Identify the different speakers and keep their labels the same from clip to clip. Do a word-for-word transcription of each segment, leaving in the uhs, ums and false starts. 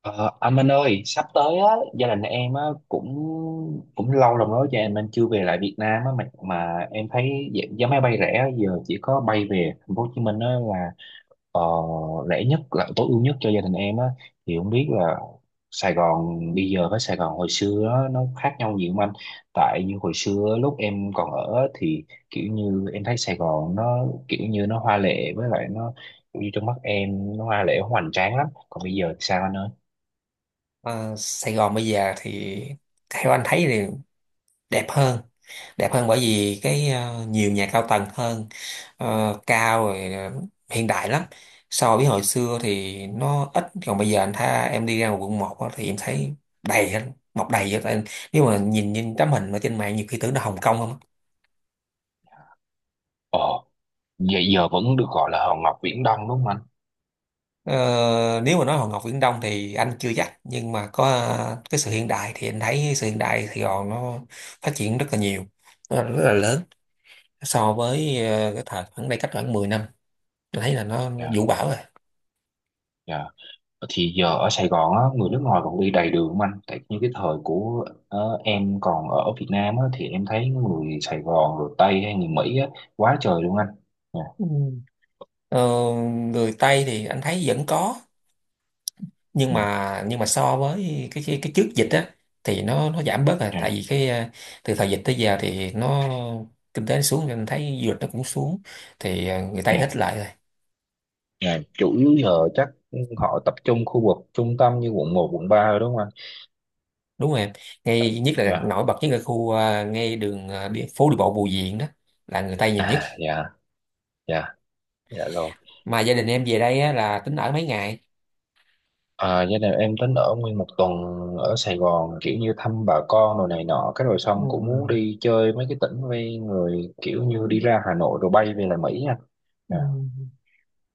Speaker 1: Ờ, anh Minh ơi, sắp tới á, gia đình em á, cũng cũng lâu lắm rồi, cho em anh chưa về lại Việt Nam á, mà, mà em thấy giá giá máy bay rẻ á, giờ chỉ có bay về thành phố Hồ Chí Minh á, là ờ, rẻ nhất là tối ưu nhất cho gia đình em á, thì không biết là Sài Gòn bây giờ với Sài Gòn hồi xưa á, nó khác nhau gì không anh? Tại như hồi xưa lúc em còn ở á, thì kiểu như em thấy Sài Gòn nó kiểu như nó hoa lệ với lại nó như trong mắt em nó hoa lệ hoành tráng lắm, còn bây giờ thì sao anh ơi?
Speaker 2: Ờ, Sài Gòn bây giờ thì theo anh thấy thì đẹp hơn, đẹp hơn bởi vì cái ờ, nhiều nhà cao tầng hơn, ờ, cao rồi, ờ, hiện đại lắm so với hồi xưa thì nó ít. Còn bây giờ anh thấy em đi ra ngoài quận một thì em thấy đầy hết, mọc đầy hết. Tại nếu mà nhìn nhìn tấm hình ở trên mạng nhiều khi tưởng là Hồng Kông không á.
Speaker 1: Ồ, vậy giờ vẫn được gọi là Hòn Ngọc Viễn Đông đúng không anh?
Speaker 2: Ờ, nếu mà nói Hòn Ngọc Viễn Đông thì anh chưa chắc, nhưng mà có ờ, cái sự hiện đại thì anh thấy sự hiện đại Sài Gòn nó phát triển rất là nhiều, rất là rất là lớn so với ờ, cái thời khoảng đây, cách khoảng mười năm, tôi thấy là nó
Speaker 1: Dạ,
Speaker 2: vũ bão rồi.
Speaker 1: dạ. Thì giờ ở Sài Gòn á, người nước ngoài còn đi đầy đường không anh? Tại như cái thời của ờ, em còn ở Việt Nam á, thì em thấy người Sài Gòn rồi Tây hay người Mỹ á, quá trời luôn anh. Dạ,
Speaker 2: Ừ. Ờ, người Tây thì anh thấy vẫn có, nhưng
Speaker 1: ừ,
Speaker 2: mà nhưng mà so với cái cái, cái trước dịch á thì nó nó giảm bớt rồi, tại
Speaker 1: dạ,
Speaker 2: vì cái ờ, từ thời dịch tới giờ thì nó kinh tế nó xuống, nên thấy du lịch nó cũng xuống, thì ờ, người Tây ít
Speaker 1: dạ,
Speaker 2: lại rồi.
Speaker 1: dạ. Chủ yếu giờ chắc họ tập trung khu vực trung tâm như quận một quận ba rồi đúng không anh?
Speaker 2: Đúng rồi em, ngay nhất là
Speaker 1: Dạ,
Speaker 2: nổi bật nhất là khu ờ, ngay đường ờ, đi, phố đi bộ Bùi Viện đó là người Tây nhiều nhất.
Speaker 1: à, dạ, dạ, dạ rồi.
Speaker 2: Mà gia đình em về đây á, là tính ở mấy ngày?
Speaker 1: À, gia đình em tính ở nguyên một tuần ở Sài Gòn kiểu như thăm bà con rồi này nọ cái rồi
Speaker 2: Ừ.
Speaker 1: xong cũng muốn đi chơi mấy cái tỉnh ven người kiểu như đi
Speaker 2: Ừ.
Speaker 1: ra Hà Nội rồi bay về lại Mỹ nha.
Speaker 2: Ừ.
Speaker 1: Dạ,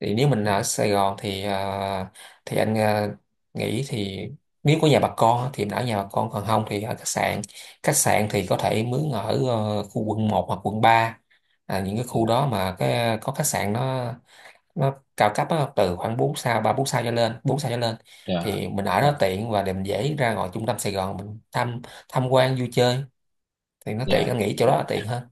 Speaker 2: Thì nếu mình
Speaker 1: ừ,
Speaker 2: ở Sài Gòn thì à, thì anh à, nghĩ thì nếu có nhà bà con thì mình ở nhà bà con, còn không thì ở khách sạn. Khách sạn thì có thể mướn ở ờ, khu quận một hoặc quận ba, à, những cái
Speaker 1: dạ,
Speaker 2: khu đó mà cái có khách sạn nó nó cao cấp á, từ khoảng bốn sao, ba bốn sao cho lên bốn sao cho lên,
Speaker 1: dạ,
Speaker 2: thì mình ở
Speaker 1: dạ.
Speaker 2: đó tiện và để mình dễ ra ngoài trung tâm Sài Gòn mình tham tham quan vui chơi, thì nó tiện.
Speaker 1: Dạ.
Speaker 2: Anh nghĩ chỗ đó là tiện hơn.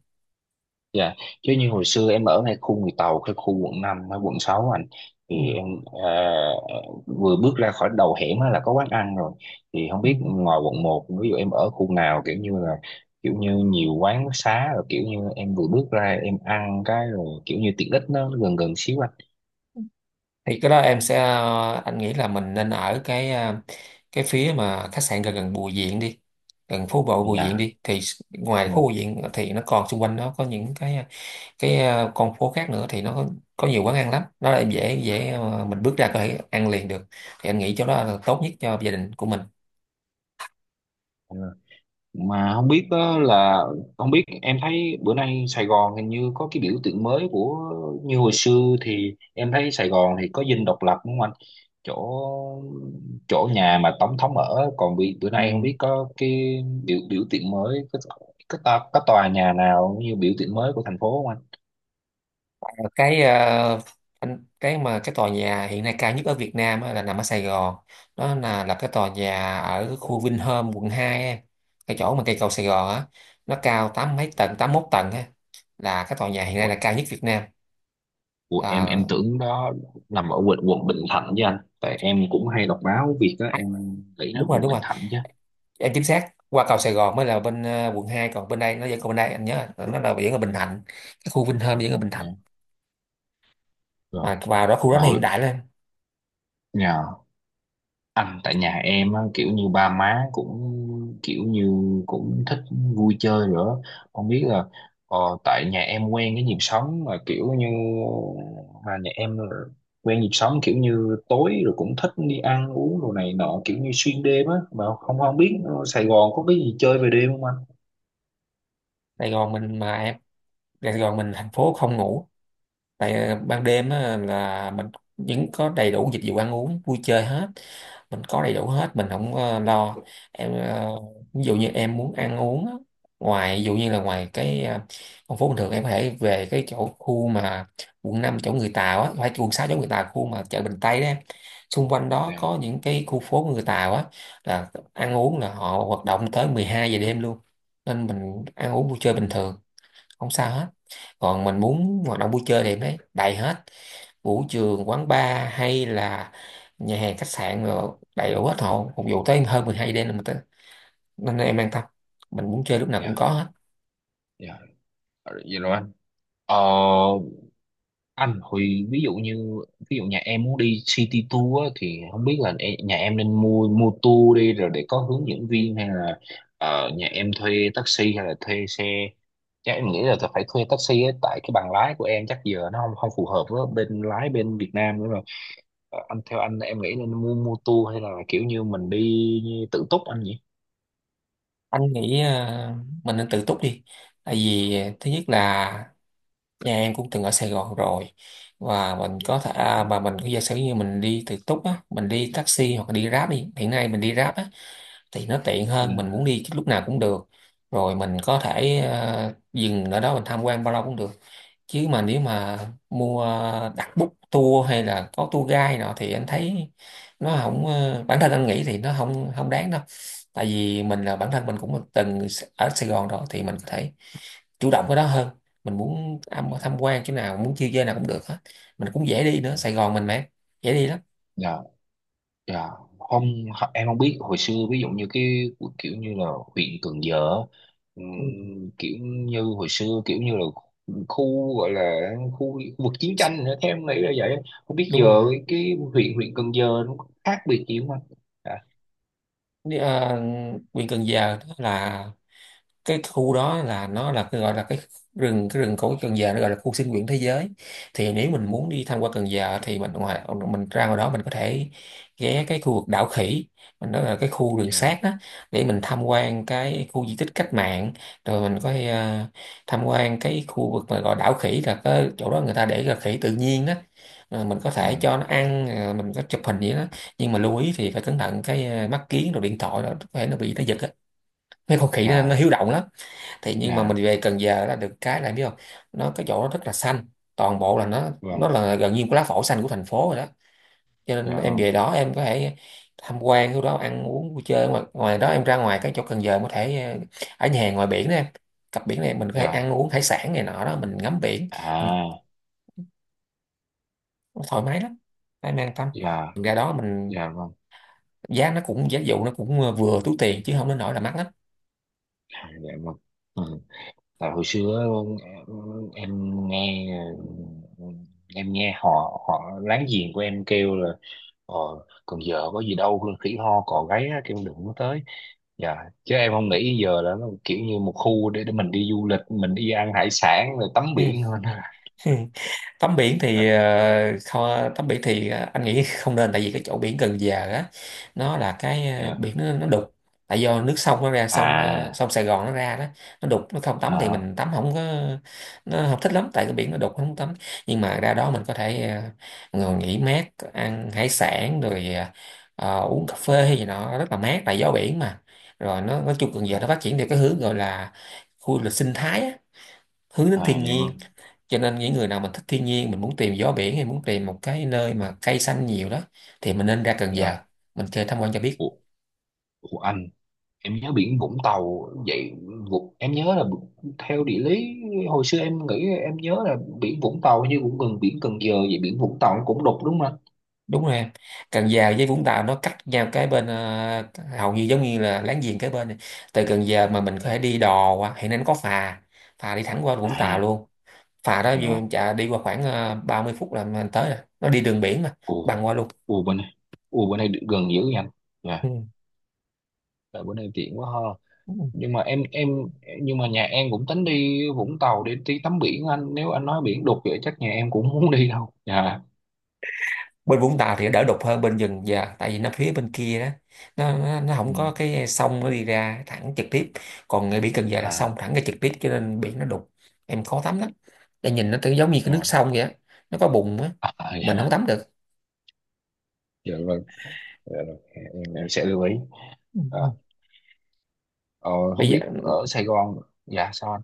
Speaker 1: Dạ, chứ như hồi xưa em ở ngay khu người Tàu, cái khu quận năm hay quận sáu anh,
Speaker 2: Ừ.
Speaker 1: thì em à, vừa bước ra khỏi đầu hẻm á là có quán ăn rồi. Thì không
Speaker 2: Ừ.
Speaker 1: biết ngoài quận một ví dụ em ở khu nào kiểu như là kiểu như nhiều quán xá rồi kiểu như em vừa bước ra em ăn cái rồi kiểu như tiện ích nó gần gần xíu anh.
Speaker 2: Thì cái đó em sẽ ờ, anh nghĩ là mình nên ở cái ờ, cái phía mà khách sạn gần gần Bùi Viện đi, gần phố bộ Bùi Viện
Speaker 1: Dạ.
Speaker 2: đi, thì s- ngoài phố Bùi Viện thì nó còn xung quanh nó có những cái ờ, cái ờ, con phố khác nữa, thì nó có, có nhiều quán ăn lắm, nó là dễ dễ ờ, mình bước ra có thể ăn liền được. Thì anh nghĩ chỗ đó là tốt nhất cho gia đình của mình.
Speaker 1: Dạ. Mà không biết đó là không biết em thấy bữa nay Sài Gòn hình như có cái biểu tượng mới của như hồi xưa thì em thấy Sài Gòn thì có dinh độc lập đúng không anh, chỗ chỗ nhà mà tổng thống ở còn bị bữa
Speaker 2: Ừ.
Speaker 1: nay không biết có cái biểu biểu tượng mới có có, tòa có tòa nhà nào như biểu tượng mới của thành phố không anh?
Speaker 2: Ờ, cái ờ, anh- cái mà cái tòa nhà hiện nay cao nhất ở Việt Nam á là nằm ở Sài Gòn. Đó là là cái tòa nhà ở khu Vinhome quận hai em, cái chỗ mà cây cầu Sài Gòn á, nó cao tám mấy tầng, tám mốt tầng á, là cái tòa nhà hiện nay
Speaker 1: Ủa,
Speaker 2: là cao nhất Việt Nam.
Speaker 1: ủa, em em
Speaker 2: Là
Speaker 1: tưởng đó nằm ở quận quận Bình Thạnh chứ anh, tại em cũng hay đọc báo việc đó em nghĩ
Speaker 2: đúng
Speaker 1: nó
Speaker 2: rồi
Speaker 1: quận
Speaker 2: đúng
Speaker 1: Bình
Speaker 2: rồi
Speaker 1: Thạnh chứ.
Speaker 2: em, chính xác, qua cầu Sài Gòn mới là bên ờ, quận hai, còn bên đây nó vẫn còn bên đây, anh nhớ là nó là vẫn ở Bình Thạnh. Cái khu Vinhome vẫn ở Bình Thạnh,
Speaker 1: Dạ, rồi
Speaker 2: mà vào đó khu
Speaker 1: mà
Speaker 2: đó nó
Speaker 1: hồi,
Speaker 2: hiện đại lên.
Speaker 1: dạ. Anh tại nhà em á, kiểu như ba má cũng kiểu như cũng thích vui chơi nữa, không biết là ờ, tại nhà em quen cái nhịp sống mà kiểu như mà nhà em là quen nhịp sống kiểu như tối rồi cũng thích đi ăn uống đồ này nọ kiểu như xuyên đêm á mà không không biết Sài Gòn có cái gì chơi về đêm không anh?
Speaker 2: Sài Gòn mình mà em, Sài Gòn mình thành phố không ngủ, tại ờ, ban đêm á, là mình vẫn có đầy đủ dịch vụ ăn uống vui chơi hết, mình có đầy đủ hết, mình không ờ, lo. em ờ, Ví dụ như em muốn ăn uống á, ngoài ví dụ như là ngoài cái ờ, con phố bình thường, em có thể về cái chỗ khu mà quận năm chỗ người Tàu á, phải quận sáu chỗ người Tàu, khu mà chợ Bình Tây đó em, xung quanh đó
Speaker 1: Dạ,
Speaker 2: có những cái khu phố người Tàu á, là ăn uống là họ hoạt động tới mười hai giờ đêm luôn. Nên mình ăn uống vui chơi bình thường, không sao hết. Còn mình muốn hoạt động vui chơi thì em thấy đầy hết, vũ trường, quán bar, hay là nhà hàng, khách sạn, rồi đầy đủ hết, hộ phục vụ tới hơn mười hai đêm là mình tới. Nên em an tâm, mình muốn chơi lúc nào cũng
Speaker 1: dạ,
Speaker 2: có hết.
Speaker 1: dạ, vậy rồi anh. ờ anh Huy ví dụ như ví dụ nhà em muốn đi city tour á, thì không biết là e- nhà em nên mua mua tour đi rồi để có hướng dẫn viên hay là ờ, nhà em thuê taxi hay là thuê xe, chắc em nghĩ là tôi phải thuê taxi á, tại cái bằng lái của em chắc giờ nó không không phù hợp với bên lái bên Việt Nam nữa rồi. Ờ, anh theo anh em nghĩ nên mua mua tour hay là kiểu như mình đi tự túc anh nhỉ?
Speaker 2: Anh nghĩ ờ, mình nên tự túc đi, tại vì ờ, thứ nhất là nhà em cũng từng ở Sài Gòn rồi, và mình có thể
Speaker 1: Ừ.
Speaker 2: à, và mình có giả sử như mình đi tự túc á, mình đi taxi hoặc là đi Grab đi, hiện nay mình đi Grab á, thì nó tiện
Speaker 1: Ừ.
Speaker 2: hơn, mình muốn đi lúc nào cũng được, rồi mình có thể ờ, dừng ở đó mình tham quan bao lâu cũng được. Chứ mà nếu mà mua đặt book tour hay là có tour guide nọ thì anh thấy nó không ờ, bản thân anh nghĩ thì nó không không đáng đâu, tại vì mình là bản thân mình cũng từng ở Sài Gòn rồi, thì mình có thể chủ động cái đó hơn, mình muốn tham
Speaker 1: Dạ.
Speaker 2: tham quan chỗ nào, muốn chơi chơi nào cũng được hết. Mình cũng dễ đi nữa, Sài Gòn mình mà, dễ đi lắm.
Speaker 1: Dạ. Dạ, không ho- em không biết hồi xưa ví dụ như cái cu- kiểu như là huyện Cần Giờ á,
Speaker 2: Ừ.
Speaker 1: ừm, kiểu như hồi xưa kiểu như là khu gọi là khu, khu vực chiến tranh nữa theo em nghĩ là vậy, không biết giờ
Speaker 2: Đúng là,
Speaker 1: cái huyện huyện Cần Giờ nó có khác biệt gì không anh? Dạ,
Speaker 2: Đi, à, quyền cần giờ đó là cái khu đó là nó là cái gọi là cái rừng cái rừng cổ Cần Giờ, nó gọi là khu sinh quyển thế giới. Thì nếu mình
Speaker 1: ừ,
Speaker 2: muốn đi tham quan Cần Giờ thì mình ngoài mình ra ngoài đó mình có thể ghé cái khu vực đảo khỉ, mình nói là cái khu rừng
Speaker 1: dạ,
Speaker 2: sát đó, để mình tham quan cái khu di tích cách mạng, rồi mình có thể, à, tham quan cái khu vực mà gọi đảo khỉ, là cái chỗ đó người ta để là khỉ tự nhiên đó. Rồi mình có thể
Speaker 1: dạ,
Speaker 2: cho nó ăn, rồi mình có chụp hình gì đó, nhưng mà lưu ý thì phải cẩn thận cái à, mắt kiến rồi điện thoại đó, có thể nó bị nó giật á, mấy con khỉ nó, nó
Speaker 1: dạ,
Speaker 2: hiếu động lắm. Thì nhưng mà
Speaker 1: dạ,
Speaker 2: mình về Cần Giờ là được cái là biết không, nó cái chỗ nó rất là xanh, toàn bộ là nó
Speaker 1: vâng,
Speaker 2: nó là gần như một lá phổi xanh của thành phố rồi đó. Cho nên
Speaker 1: dạ
Speaker 2: em
Speaker 1: vâng,
Speaker 2: về đó em có thể tham quan chỗ đó, ăn uống vui chơi, ngoài, ngoài đó em ra ngoài cái chỗ Cần Giờ em có thể ờ, ở nhà hàng ngoài biển đó em, cặp biển này mình có thể
Speaker 1: dạ,
Speaker 2: ăn uống hải sản này nọ đó, mình ngắm biển, mình
Speaker 1: à,
Speaker 2: thoải mái lắm, em an tâm.
Speaker 1: dạ,
Speaker 2: Mình ra đó mình
Speaker 1: dạ vâng,
Speaker 2: giá nó cũng, giá dụ nó cũng ờ, vừa túi tiền, chứ không đến nỗi là mắc lắm.
Speaker 1: à, dạ vâng. Ừ. Tại hồi xưa em, em nghe em nghe họ họ láng giềng của em kêu là ờ, còn giờ có gì đâu khỉ ho cò gáy á, kêu đừng có tới, dạ, chứ em không nghĩ giờ là nó kiểu như một khu để để mình đi du lịch mình đi ăn hải sản rồi tắm biển hơn.
Speaker 2: Tắm biển thì
Speaker 1: Dạ,
Speaker 2: ờ, kho tắm biển thì ờ, anh nghĩ không nên, tại vì cái chỗ biển Cần Giờ á, nó là cái ờ,
Speaker 1: dạ,
Speaker 2: biển nó, nó đục, tại do nước sông nó ra sông ờ,
Speaker 1: à,
Speaker 2: sông Sài Gòn nó ra đó, nó đục, nó không tắm, thì
Speaker 1: à,
Speaker 2: mình tắm không có, nó không thích lắm tại cái biển nó đục không tắm. Nhưng mà ra đó mình có thể ờ, ngồi nghỉ mát, ăn hải sản rồi ờ, ờ, uống cà phê hay gì nọ, rất là mát tại gió biển mà. Rồi nó nói chung Cần Giờ
Speaker 1: à,
Speaker 2: nó phát triển theo cái hướng gọi là khu du lịch sinh thái á, hướng đến
Speaker 1: à
Speaker 2: thiên
Speaker 1: vậy
Speaker 2: nhiên,
Speaker 1: không,
Speaker 2: cho nên những người nào mình thích thiên nhiên, mình muốn tìm gió biển, hay muốn tìm một cái nơi mà cây xanh nhiều đó, thì mình nên ra Cần
Speaker 1: dạ.
Speaker 2: Giờ mình chơi tham quan cho biết.
Speaker 1: Ủa, ủa anh, em nhớ biển Vũng Tàu vậy, Vụ- em nhớ là theo địa lý hồi xưa em nghĩ em nhớ là biển Vũng Tàu như cũng gần biển Cần Giờ vậy, biển Vũng Tàu nó cũng đục đúng không anh?
Speaker 2: Đúng rồi em, Cần Giờ với Vũng Tàu nó cách nhau cái bên ờ, hầu như giống như là láng giềng cái bên này. Từ Cần Giờ mà mình
Speaker 1: Dạ.
Speaker 2: có thể đi đò qua, hiện nay nó có phà, phà đi thẳng qua Vũng Tàu
Speaker 1: À,
Speaker 2: luôn. Phà đó vừa
Speaker 1: dạ,
Speaker 2: em chạy đi qua khoảng ờ, ba mươi phút là mình tới rồi, nó đi đường biển mà,
Speaker 1: ồ,
Speaker 2: bằng qua luôn.
Speaker 1: ồ bên này, ồ bên này gần dữ nha anh, dạ, tại bữa nay tiện quá ha.
Speaker 2: Ừ.
Speaker 1: Nhưng mà em em nhưng mà nhà em cũng tính đi Vũng Tàu để đi tắm biển anh, nếu anh nói biển đục vậy chắc nhà em cũng không muốn đi đâu, dạ.
Speaker 2: Bên Vũng Tàu thì nó đỡ đục hơn bên dừng giờ, tại vì nó phía bên kia đó, nó nó, nó
Speaker 1: Ừ.
Speaker 2: không có cái sông nó đi ra thẳng trực tiếp, còn ngay biển Cần Giờ là sông
Speaker 1: À,
Speaker 2: thẳng ra trực tiếp cho nên biển nó đục, em khó tắm lắm. Em nhìn nó tự giống như cái
Speaker 1: dạ.
Speaker 2: nước sông vậy á, nó có bùn á,
Speaker 1: À,
Speaker 2: mình không
Speaker 1: dạ,
Speaker 2: tắm được.
Speaker 1: dạ vâng, dạ, rồi. em em sẽ lưu ý.
Speaker 2: Ừ.
Speaker 1: À. Ờ, không
Speaker 2: Bây giờ
Speaker 1: biết ở Sài Gòn, dạ sao anh?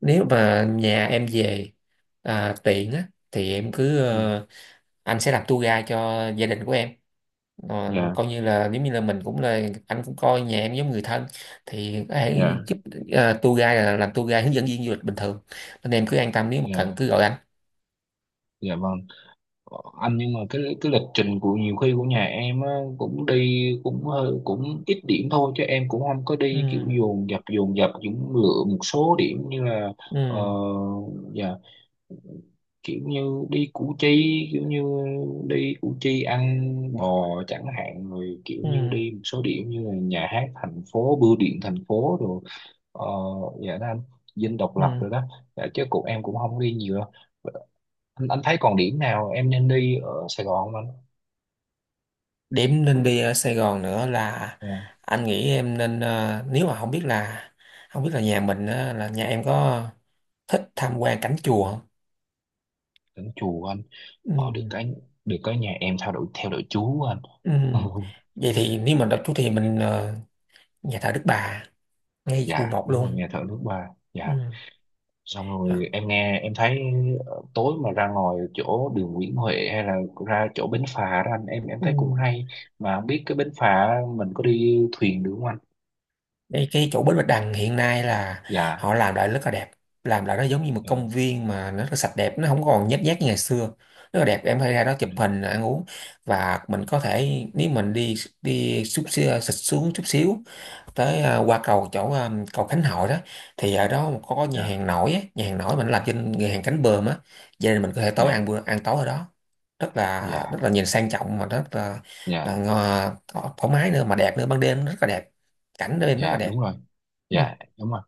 Speaker 2: nếu mà nhà em về à, tiện á, thì em cứ
Speaker 1: Ừ.
Speaker 2: ờ, anh sẽ làm tour guide cho gia đình của em. Ờ,
Speaker 1: Dạ,
Speaker 2: coi như là nếu như là mình cũng là anh cũng coi nhà em giống người thân, thì hãy
Speaker 1: dạ,
Speaker 2: giúp, à, tour guide là làm tour guide hướng dẫn viên du lịch bình thường. Nên em cứ an tâm, nếu mà cần
Speaker 1: dạ,
Speaker 2: cứ gọi anh.
Speaker 1: dạ vâng. Ờ, anh nhưng mà cái cái lịch trình của nhiều khi của nhà em á, cũng đi cũng hơi cũng ít điểm thôi chứ em cũng không có đi kiểu
Speaker 2: Ừ,
Speaker 1: dồn dập dồn dập cũng lựa một số điểm như là ờ,
Speaker 2: ừ,
Speaker 1: dạ kiểu như đi Củ Chi, kiểu như đi Củ Chi ăn bò chẳng hạn rồi kiểu
Speaker 2: ừ,
Speaker 1: như đi một số điểm như là nhà hát thành phố bưu điện thành phố rồi. Ờ, dạ đó anh, Dinh độc lập
Speaker 2: ừ.
Speaker 1: rồi đó. Dạ, chứ cụ em cũng không đi nhiều đâu anh, anh thấy còn điểm nào em nên đi ở Sài Gòn không anh?
Speaker 2: Điểm nên đi ở Sài Gòn nữa là
Speaker 1: Ừ,
Speaker 2: anh nghĩ em nên ờ, nếu mà không biết là, không biết là nhà mình á, là nhà em có thích tham quan cảnh chùa không?
Speaker 1: đến chùa anh.
Speaker 2: Ừ,
Speaker 1: Ờ, được cái được cái nhà em theo đuổi theo đuổi chú anh.
Speaker 2: ừ. Vậy thì nếu mình đọc chú thì mình ờ, nhà thờ Đức Bà, ngay quận
Speaker 1: Dạ
Speaker 2: một
Speaker 1: đúng rồi
Speaker 2: luôn.
Speaker 1: nghe thở nước ba, dạ.
Speaker 2: Ừ.
Speaker 1: Xong
Speaker 2: Đó.
Speaker 1: rồi em nghe em thấy ờ, tối mà ra ngoài chỗ đường Nguyễn Huệ hay là ra chỗ bến phà đó anh em em
Speaker 2: Ừ.
Speaker 1: thấy cũng hay, mà không biết cái bến phà mình có đi thuyền được không anh?
Speaker 2: Đây, cái chỗ Bến Bạch Đằng hiện nay là
Speaker 1: Dạ,
Speaker 2: họ làm lại rất là đẹp, làm lại nó giống như một
Speaker 1: dạ,
Speaker 2: công viên mà nó rất là sạch đẹp, nó không còn nhếch nhác như ngày xưa, rất là đẹp, em hay ra đó
Speaker 1: ừ,
Speaker 2: chụp hình ăn uống. Và mình có thể nếu mình đi đi xúc xích xuống chút xíu, tới à, qua cầu chỗ à, cầu Khánh Hội đó, thì ở đó có, nhà
Speaker 1: dạ,
Speaker 2: hàng nổi á, nhà hàng nổi mình làm trên nhà hàng cánh bờm á, gia nên mình có thể tối ăn
Speaker 1: dạ,
Speaker 2: bữa ăn tối ở đó, rất là
Speaker 1: dạ,
Speaker 2: rất là nhìn sang trọng mà rất là, là
Speaker 1: dạ,
Speaker 2: ngò- thoải thoải mái nữa mà đẹp nữa, ban đêm rất là đẹp, cảnh đêm rất là
Speaker 1: dạ
Speaker 2: đẹp.
Speaker 1: đúng rồi,
Speaker 2: Ừ,
Speaker 1: dạ đúng rồi.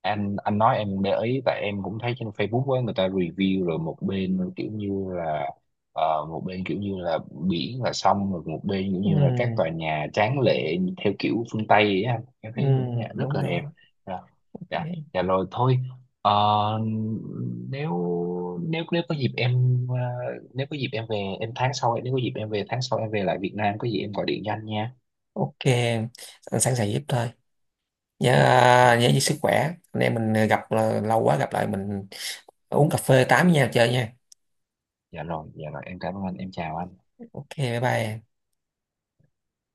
Speaker 1: anh anh nói em để ý tại em cũng thấy trên Facebook á người ta review rồi một bên kiểu như là ờ, một bên kiểu như là biển là sông rồi một bên kiểu
Speaker 2: ừ,
Speaker 1: như là các tòa nhà tráng lệ theo kiểu phương Tây ấy anh em
Speaker 2: ừ,
Speaker 1: thấy những nhà rất
Speaker 2: đúng
Speaker 1: là
Speaker 2: rồi.
Speaker 1: đẹp. Dạ,
Speaker 2: Ok.
Speaker 1: dạ, dạ rồi thôi. Ờ, nếu nếu nếu có dịp em ờ, nếu có dịp em về em tháng sau nếu có dịp em về tháng sau em về lại Việt Nam có gì em gọi điện cho anh nha.
Speaker 2: Ok, anh sẵn sàng giúp thôi. Nhớ
Speaker 1: Dạ, dạ.
Speaker 2: à, nhớ giữ sức khỏe. Anh em mình gặp là lâu quá, gặp lại mình uống cà phê tám với nhau chơi nha.
Speaker 1: Dạ rồi, dạ rồi, em cảm ơn anh, em chào anh.
Speaker 2: Ok, bye bye.